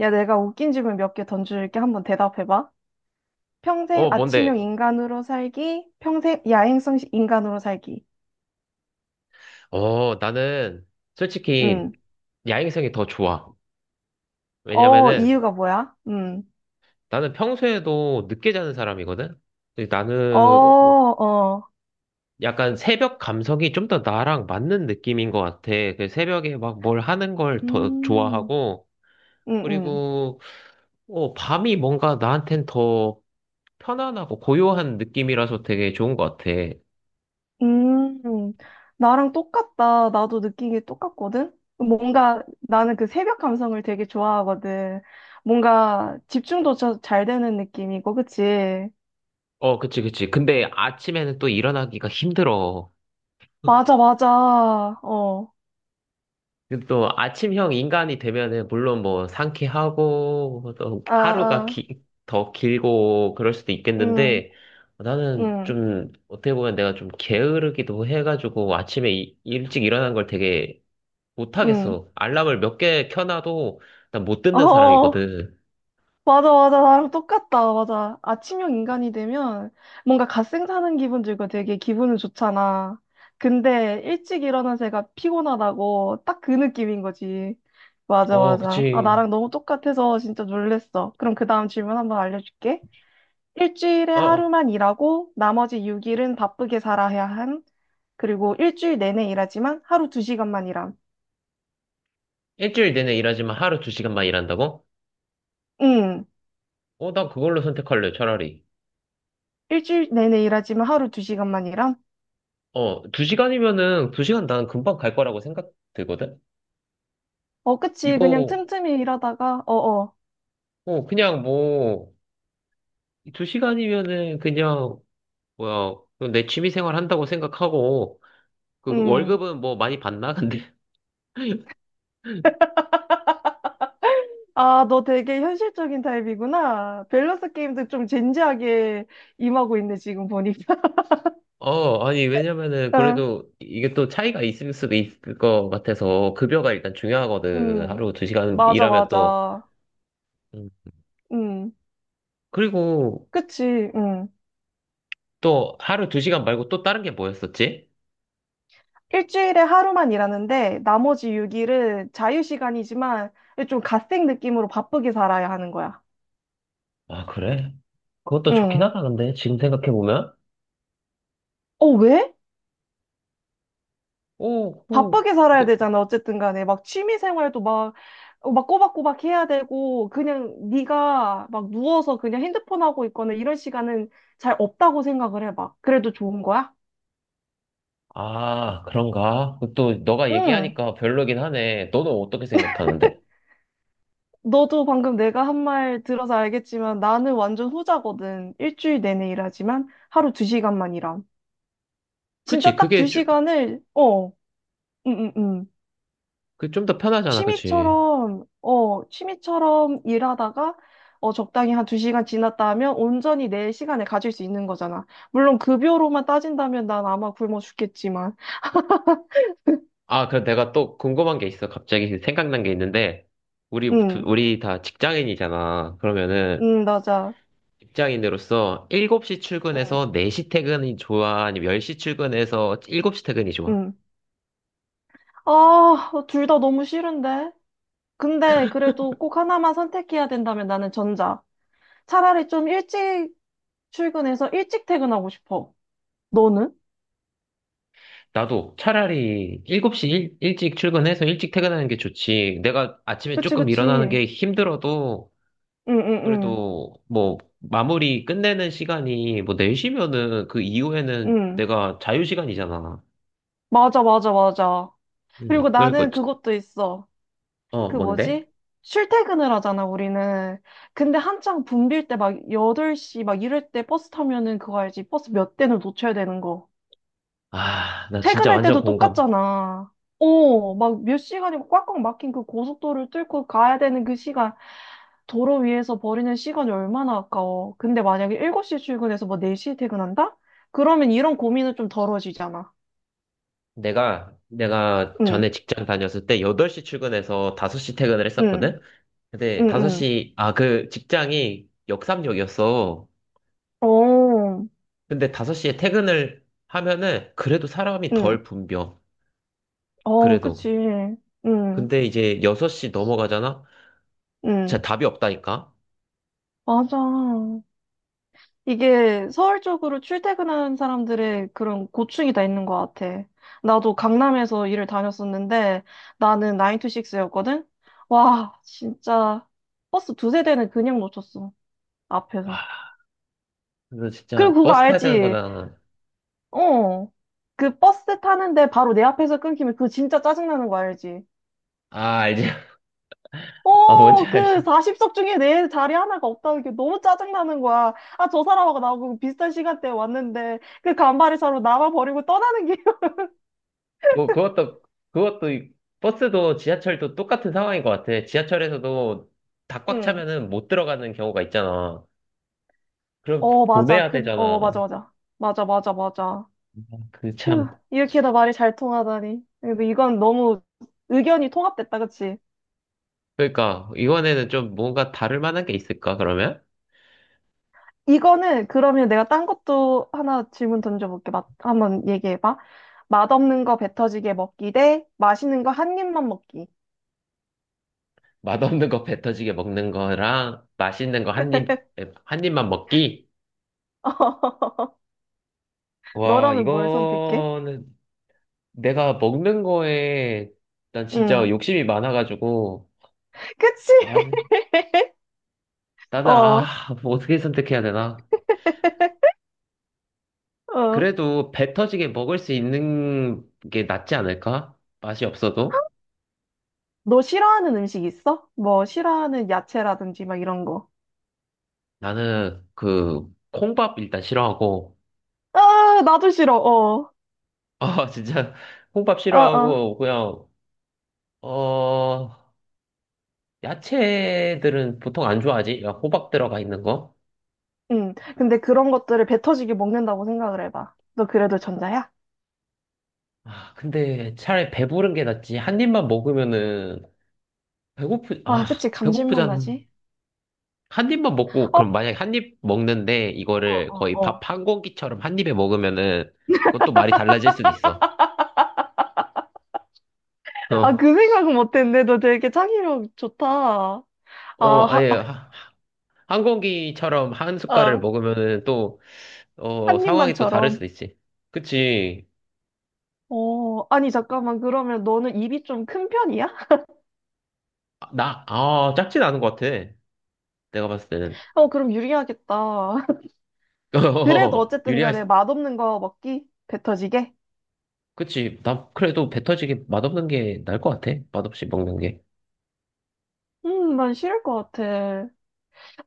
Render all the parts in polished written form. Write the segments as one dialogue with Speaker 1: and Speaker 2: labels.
Speaker 1: 야, 내가 웃긴 질문 몇 개 던질게. 한번 대답해봐. 평생
Speaker 2: 어, 뭔데?
Speaker 1: 아침형 인간으로 살기, 평생 야행성 인간으로 살기.
Speaker 2: 어, 나는 솔직히
Speaker 1: 음.
Speaker 2: 야행성이 더 좋아.
Speaker 1: 어,
Speaker 2: 왜냐면은
Speaker 1: 이유가 뭐야? 음.
Speaker 2: 나는 평소에도 늦게 자는 사람이거든? 근데
Speaker 1: 어,
Speaker 2: 나는
Speaker 1: 어.
Speaker 2: 약간 새벽 감성이 좀 더 나랑 맞는 느낌인 것 같아. 그 새벽에 막 뭘 하는 걸 더
Speaker 1: 음.
Speaker 2: 좋아하고,
Speaker 1: 음,
Speaker 2: 그리고 밤이 뭔가 나한텐 더 편안하고 고요한 느낌이라서 되게 좋은 것 같아.
Speaker 1: 음. 나랑 똑같다. 나도 느낀 게 똑같거든? 뭔가 나는 그 새벽 감성을 되게 좋아하거든. 뭔가 집중도 잘 되는 느낌이고, 그치?
Speaker 2: 어, 그치, 그치. 근데 아침에는 또 일어나기가 힘들어.
Speaker 1: 맞아, 맞아. 어.
Speaker 2: 그리고 또 아침형 인간이 되면은 물론 뭐 상쾌하고 또
Speaker 1: 아,
Speaker 2: 하루가
Speaker 1: 아.
Speaker 2: 더 길고 그럴 수도
Speaker 1: 음.
Speaker 2: 있겠는데 나는
Speaker 1: 음.
Speaker 2: 좀 어떻게 보면 내가 좀 게으르기도 해가지고 아침에 일찍 일어난 걸 되게
Speaker 1: 응.
Speaker 2: 못하겠어. 알람을 몇 개 켜놔도 난 못 듣는
Speaker 1: 어,
Speaker 2: 사람이거든.
Speaker 1: 맞아, 맞아. 나랑 똑같다. 맞아. 아침형 인간이 되면 뭔가 갓생 사는 기분 들고 되게 기분은 좋잖아. 근데 일찍 일어난 새가 피곤하다고 딱 그 느낌인 거지. 맞아,
Speaker 2: 어,
Speaker 1: 맞아. 아,
Speaker 2: 그치.
Speaker 1: 나랑 너무 똑같아서 진짜 놀랬어. 그럼 그 다음 질문 한번 알려줄게. 일주일에
Speaker 2: 어,
Speaker 1: 하루만 일하고 나머지 6일은 바쁘게 살아야 한. 그리고 일주일 내내 일하지만 하루 2시간만 일함.
Speaker 2: 일주일 내내 일하지만 하루 두 시간만 일한다고?
Speaker 1: 응.
Speaker 2: 어, 난 그걸로 선택할래, 차라리.
Speaker 1: 일주일 내내 일하지만 하루 2시간만 일함.
Speaker 2: 어, 두 시간이면은 두 시간 난 금방 갈 거라고 생각 들거든?
Speaker 1: 어, 그치. 그냥
Speaker 2: 이거
Speaker 1: 틈틈이 일하다가, 어어.
Speaker 2: 그냥 뭐, 두 시간이면은 그냥, 뭐야, 내 취미 생활 한다고 생각하고, 그
Speaker 1: 음.
Speaker 2: 월급은 뭐 많이 받나? 근데,
Speaker 1: 아, 너 되게 현실적인 타입이구나. 밸런스 게임도 좀 진지하게 임하고 있네, 지금 보니까.
Speaker 2: 어, 아니, 왜냐면은
Speaker 1: 아,
Speaker 2: 그래도 이게 또 차이가 있을 수도 있을 것 같아서, 급여가 일단 중요하거든.
Speaker 1: 음.
Speaker 2: 하루 두 시간
Speaker 1: 맞아,
Speaker 2: 일하면 또.
Speaker 1: 맞아.
Speaker 2: 음.
Speaker 1: 음.
Speaker 2: 그리고
Speaker 1: 그치. 음.
Speaker 2: 또 하루 두 시간 말고 또 다른 게 뭐였었지?
Speaker 1: 일주일에 하루만 일하는데, 나머지 6일은 자유시간이지만, 좀 갓생 느낌으로 바쁘게 살아야 하는 거야.
Speaker 2: 아, 그래? 그것도 좋긴
Speaker 1: 응.
Speaker 2: 하다, 근데, 지금 생각해보면.
Speaker 1: 어, 왜?
Speaker 2: 오, 오.
Speaker 1: 바쁘게 살아야 되잖아. 어쨌든 간에 막 취미 생활도 막, 어, 막 꼬박꼬박 해야 되고 그냥 네가 막 누워서 그냥 핸드폰 하고 있거나 이런 시간은 잘 없다고 생각을 해봐. 그래도 좋은 거야?
Speaker 2: 아, 그런가? 또 너가
Speaker 1: 응.
Speaker 2: 얘기하니까 별로긴 하네. 너는 어떻게 생각하는데?
Speaker 1: 너도 방금 내가 한 말 들어서 알겠지만 나는 완전 후자거든. 일주일 내내 일하지만 하루 두 시간만 일함.
Speaker 2: 그치,
Speaker 1: 진짜 딱 두
Speaker 2: 그게 좀.
Speaker 1: 시간을 어, 응응응.
Speaker 2: 그좀 더 편하잖아, 그치?
Speaker 1: 취미처럼 일하다가, 어, 적당히 한 두 시간 지났다 하면 온전히 내 시간을 가질 수 있는 거잖아. 물론 급여로만 따진다면 난 아마 굶어 죽겠지만.
Speaker 2: 아, 그럼 내가 또 궁금한 게 있어. 갑자기 생각난 게 있는데,
Speaker 1: 응,
Speaker 2: 우리 다 직장인이잖아. 그러면은,
Speaker 1: 응, 맞아.
Speaker 2: 직장인으로서 7시
Speaker 1: 응,
Speaker 2: 출근해서 4시 퇴근이 좋아? 아니면 10시 출근해서 7시 퇴근이 좋아?
Speaker 1: 응. 아, 둘 다 너무 싫은데? 근데 그래도 꼭 하나만 선택해야 된다면 나는 전자. 차라리 좀 일찍 출근해서 일찍 퇴근하고 싶어. 너는?
Speaker 2: 나도 차라리 7시 일찍 출근해서 일찍 퇴근하는 게 좋지. 내가 아침에
Speaker 1: 그치,
Speaker 2: 조금
Speaker 1: 그치.
Speaker 2: 일어나는
Speaker 1: 응,
Speaker 2: 게 힘들어도
Speaker 1: 응, 응,
Speaker 2: 그래도 뭐 마무리 끝내는 시간이 뭐 4시면은 그 이후에는
Speaker 1: 응.
Speaker 2: 내가 자유 시간이잖아.
Speaker 1: 맞아, 맞아, 맞아. 그리고
Speaker 2: 그러니까.
Speaker 1: 나는 그것도 있어.
Speaker 2: 어,
Speaker 1: 그
Speaker 2: 뭔데?
Speaker 1: 뭐지? 출퇴근을 하잖아, 우리는. 근데 한창 붐빌 때 막 8시 막 이럴 때 버스 타면은 그거 알지? 버스 몇 대는 놓쳐야 되는 거.
Speaker 2: 아, 나 진짜
Speaker 1: 퇴근할
Speaker 2: 완전
Speaker 1: 때도
Speaker 2: 공감.
Speaker 1: 똑같잖아. 어, 막 몇 시간이 꽉꽉 막힌 그 고속도로를 뚫고 가야 되는 그 시간, 도로 위에서 버리는 시간이 얼마나 아까워. 근데 만약에 7시 출근해서 뭐 4시에 퇴근한다? 그러면 이런 고민은 좀 덜어지잖아.
Speaker 2: 내가 전에
Speaker 1: 응,
Speaker 2: 직장 다녔을 때 8시 출근해서 5시 퇴근을
Speaker 1: 응,
Speaker 2: 했었거든. 근데
Speaker 1: 응, 응.
Speaker 2: 5시, 그 직장이 역삼역이었어.
Speaker 1: 어,
Speaker 2: 근데 5시에 퇴근을 하면은 그래도 사람이
Speaker 1: 응.
Speaker 2: 덜 붐벼.
Speaker 1: 어,
Speaker 2: 그래도.
Speaker 1: 그치. 응,
Speaker 2: 근데 이제 6시 넘어가잖아.
Speaker 1: 응.
Speaker 2: 진짜 답이 없다니까.
Speaker 1: 맞아. 이게 서울 쪽으로 출퇴근하는 사람들의 그런 고충이 다 있는 것 같아. 나도 강남에서 일을 다녔었는데 나는 9to6였거든? 와, 진짜 버스 두세 대는 그냥 놓쳤어.
Speaker 2: 아,
Speaker 1: 앞에서.
Speaker 2: 그래서
Speaker 1: 그리고
Speaker 2: 진짜
Speaker 1: 그거
Speaker 2: 버스 타야 되는
Speaker 1: 알지?
Speaker 2: 거나.
Speaker 1: 어. 그 버스 타는데 바로 내 앞에서 끊기면 그거 진짜 짜증나는 거 알지?
Speaker 2: 아, 알지. 아, 뭔지
Speaker 1: 어, 그
Speaker 2: 알지.
Speaker 1: 40석 중에 내 자리 하나가 없다는 게 너무 짜증나는 거야. 아, 저 사람하고 나하고 비슷한 시간대에 왔는데, 그 간발의 차로 나만 버리고 떠나는 게.
Speaker 2: 그 그것도 그것도 버스도 지하철도 똑같은 상황인 것 같아. 지하철에서도 다 꽉
Speaker 1: 응.
Speaker 2: 차면은 못 들어가는 경우가 있잖아. 그럼
Speaker 1: 어, 맞아.
Speaker 2: 보내야
Speaker 1: 그, 어,
Speaker 2: 되잖아.
Speaker 1: 맞아, 맞아. 맞아, 맞아, 맞아.
Speaker 2: 그
Speaker 1: 휴,
Speaker 2: 참.
Speaker 1: 이렇게나 말이 잘 통하다니. 근데 이건 너무 의견이 통합됐다, 그치?
Speaker 2: 그러니까 이번에는 좀 뭔가 다를 만한 게 있을까, 그러면.
Speaker 1: 이거는 그러면 내가 딴 것도 하나 질문 던져볼게. 맛, 한번 얘기해봐. 맛없는 거 배 터지게 먹기 대 맛있는 거 한 입만 먹기.
Speaker 2: 맛없는 거 뱉어지게 먹는 거랑 맛있는 거 한 입만 먹기. 와,
Speaker 1: 너라면 뭘 선택해?
Speaker 2: 이거는. 내가 먹는 거에 난 진짜
Speaker 1: 응.
Speaker 2: 욕심이 많아가지고,
Speaker 1: 그치?
Speaker 2: 사실.
Speaker 1: 어,
Speaker 2: 나는, 아,
Speaker 1: 어.
Speaker 2: 뭐 어떻게 선택해야 되나? 그래도 배 터지게 먹을 수 있는 게 낫지 않을까? 맛이 없어도.
Speaker 1: 너 싫어하는 음식 있어? 뭐, 싫어하는 야채라든지 막 이런 거.
Speaker 2: 나는 그 콩밥 일단 싫어하고.
Speaker 1: 아, 나도 싫어, 어.
Speaker 2: 아, 진짜 콩밥
Speaker 1: 어, 어.
Speaker 2: 싫어하고 그냥 어 야채들은 보통 안 좋아하지? 야, 호박 들어가 있는 거?
Speaker 1: 응. 근데 그런 것들을 배 터지게 먹는다고 생각을 해봐. 너 그래도 전자야?
Speaker 2: 아, 근데 차라리 배부른 게 낫지. 한 입만 먹으면은 배고프 아
Speaker 1: 아, 그치. 감질맛
Speaker 2: 배고프잖아.
Speaker 1: 나지?
Speaker 2: 한 입만 먹고,
Speaker 1: 어,
Speaker 2: 그럼 만약에 한입 먹는데
Speaker 1: 어,
Speaker 2: 이거를
Speaker 1: 어,
Speaker 2: 거의 밥
Speaker 1: 어.
Speaker 2: 한 공기처럼 한 입에 먹으면은 그것도 말이 달라질 수도 있어.
Speaker 1: 아, 그
Speaker 2: 어,
Speaker 1: 생각은 못했네. 너 되게 창의력 좋다. 아,
Speaker 2: 아니,
Speaker 1: 하, 아,
Speaker 2: 한 공기처럼 한 숟갈을
Speaker 1: 아,
Speaker 2: 먹으면은 또,
Speaker 1: 한
Speaker 2: 상황이 또 다를
Speaker 1: 입만처럼.
Speaker 2: 수도 있지. 그치.
Speaker 1: 어, 아니, 잠깐만. 그러면 너는 입이 좀 큰 편이야?
Speaker 2: 아, 나, 작진 않은 것 같아. 내가 봤을 때는.
Speaker 1: 어, 그럼 유리하겠다. 그래도
Speaker 2: 어,
Speaker 1: 어쨌든
Speaker 2: 유리할,
Speaker 1: 간에
Speaker 2: 수-.
Speaker 1: 맛없는 거 먹기 배 터지게.
Speaker 2: 그치. 나 그래도 배 터지게 맛없는 게 나을 것 같아. 맛없이 먹는 게.
Speaker 1: 난 싫을 것 같아.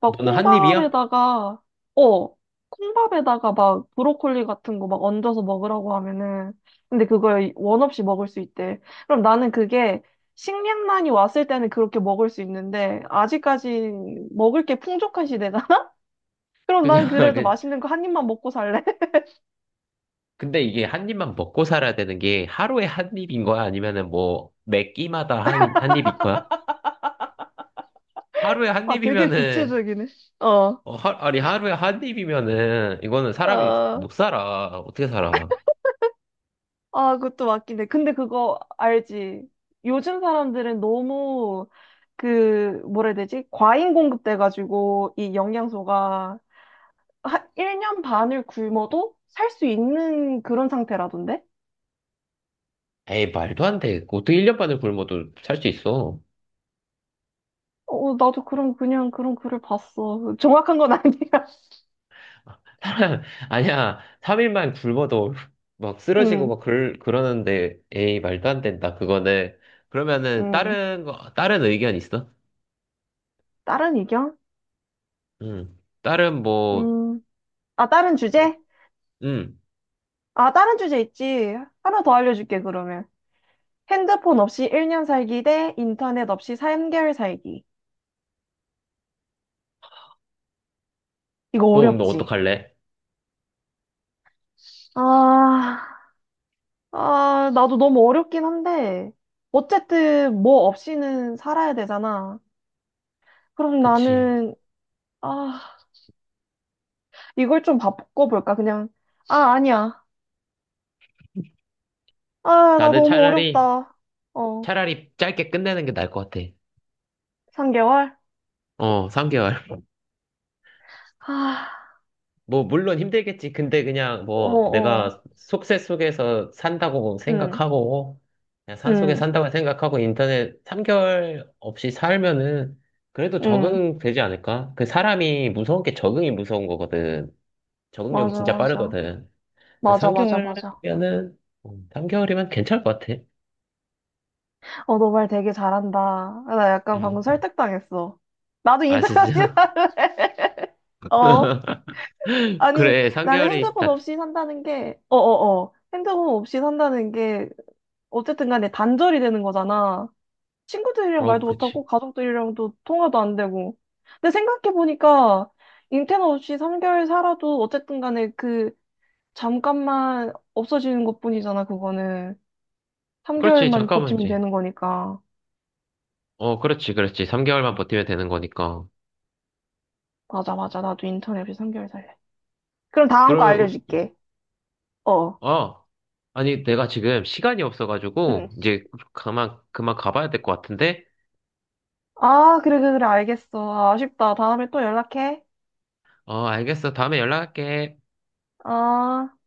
Speaker 1: 막
Speaker 2: 너는 한 입이야?
Speaker 1: 어, 콩밥에다가 막 브로콜리 같은 거 막 얹어서 먹으라고 하면은, 근데 그걸 원 없이 먹을 수 있대. 그럼 나는 그게 식량난이 왔을 때는 그렇게 먹을 수 있는데, 아직까지 먹을 게 풍족한 시대잖아? 그럼 난
Speaker 2: 그냥,
Speaker 1: 그래도 맛있는 거 한 입만 먹고 살래?
Speaker 2: 근데 이게 한 입만 먹고 살아야 되는 게 하루에 한 입인 거야? 아니면은 뭐 매 끼마다 한 입인 거야? 하루에 한
Speaker 1: 아, 되게
Speaker 2: 입이면은,
Speaker 1: 구체적이네. 어,
Speaker 2: 어, 아니, 하루에 한 입이면은 이거는 사람이
Speaker 1: 어.
Speaker 2: 못 살아. 어떻게 살아?
Speaker 1: 아, 그것도 맞긴 해. 근데 그거 알지? 요즘 사람들은 너무 그 뭐라 해야 되지? 과잉 공급돼가지고 이 영양소가 한 1년 반을 굶어도 살 수 있는 그런 상태라던데?
Speaker 2: 에이, 말도 안 돼. 어떻게 1년 반을 굶어도 살 수 있어?
Speaker 1: 어, 어, 나도 그런 글을 봤어. 정확한 건 아니야.
Speaker 2: 사람, 아니야. 3일만 굶어도 막 쓰러지고
Speaker 1: 응,
Speaker 2: 막그 그러는데, 에이, 말도 안 된다. 그거는. 그러면은
Speaker 1: 응.
Speaker 2: 다른 의견 있어?
Speaker 1: 다른 의견?
Speaker 2: 응. 다른 뭐,
Speaker 1: 음. 아, 다른 주제?
Speaker 2: 응.
Speaker 1: 아, 다른 주제 있지. 하나 더 알려줄게, 그러면. 핸드폰 없이 1년 살기 대 인터넷 없이 3개월 살기. 이거
Speaker 2: 너 운동
Speaker 1: 어렵지?
Speaker 2: 어떡할래?
Speaker 1: 아, 아, 나도 너무 어렵긴 한데, 어쨌든 뭐 없이는 살아야 되잖아. 그럼
Speaker 2: 그치.
Speaker 1: 나는, 아, 이걸 좀 바꿔볼까, 그냥. 아, 아니야. 아, 나
Speaker 2: 나는
Speaker 1: 너무 어렵다. 어,
Speaker 2: 차라리 짧게 끝내는 게 나을 것 같아.
Speaker 1: 3개월?
Speaker 2: 어, 3개월.
Speaker 1: 아,
Speaker 2: 뭐, 물론 힘들겠지. 근데 그냥
Speaker 1: 어,
Speaker 2: 뭐,
Speaker 1: 어,
Speaker 2: 내가 속세 속에서 산다고
Speaker 1: 응,
Speaker 2: 생각하고, 그냥 산속에
Speaker 1: 응,
Speaker 2: 산다고 생각하고, 인터넷 3개월 없이 살면은, 그래도
Speaker 1: 응.
Speaker 2: 적응되지 않을까? 그 사람이 무서운 게 적응이 무서운 거거든. 적응력이
Speaker 1: 맞아,
Speaker 2: 진짜
Speaker 1: 맞아.
Speaker 2: 빠르거든.
Speaker 1: 맞아, 맞아, 맞아.
Speaker 2: 3개월면은, 3개월이면 괜찮을 것 같아.
Speaker 1: 어, 너 말 되게 잘한다. 아, 나 약간 방금
Speaker 2: 음.
Speaker 1: 설득당했어. 나도
Speaker 2: 아,
Speaker 1: 인터뷰
Speaker 2: 진짜?
Speaker 1: 할래. 어? 아니,
Speaker 2: 그래,
Speaker 1: 나는
Speaker 2: 3개월이
Speaker 1: 핸드폰
Speaker 2: 다,
Speaker 1: 없이 산다는 게, 어쨌든 간에 단절이 되는 거잖아. 친구들이랑 말도
Speaker 2: 그치.
Speaker 1: 못하고, 가족들이랑도 통화도 안 되고. 근데 생각해보니까, 인터넷 없이 3개월 살아도, 어쨌든 간에 그, 잠깐만 없어지는 것뿐이잖아, 그거는.
Speaker 2: 그렇지,
Speaker 1: 3개월만
Speaker 2: 잠깐만,
Speaker 1: 버티면 되는 거니까.
Speaker 2: 그렇지, 그렇지. 3개월만 버티면 되는 거니까.
Speaker 1: 맞아, 맞아. 나도 인터넷 없이 3개월 살래. 그럼 다음 거
Speaker 2: 그러면,
Speaker 1: 알려줄게. 어.
Speaker 2: 우- 어, 아니, 내가 지금 시간이
Speaker 1: 응.
Speaker 2: 없어가지고, 이제, 그만 가봐야 될 것 같은데?
Speaker 1: 아, 그래, 그래, 그래. 알겠어. 아, 아쉽다. 다음에 또 연락해.
Speaker 2: 어, 알겠어. 다음에 연락할게.
Speaker 1: 어.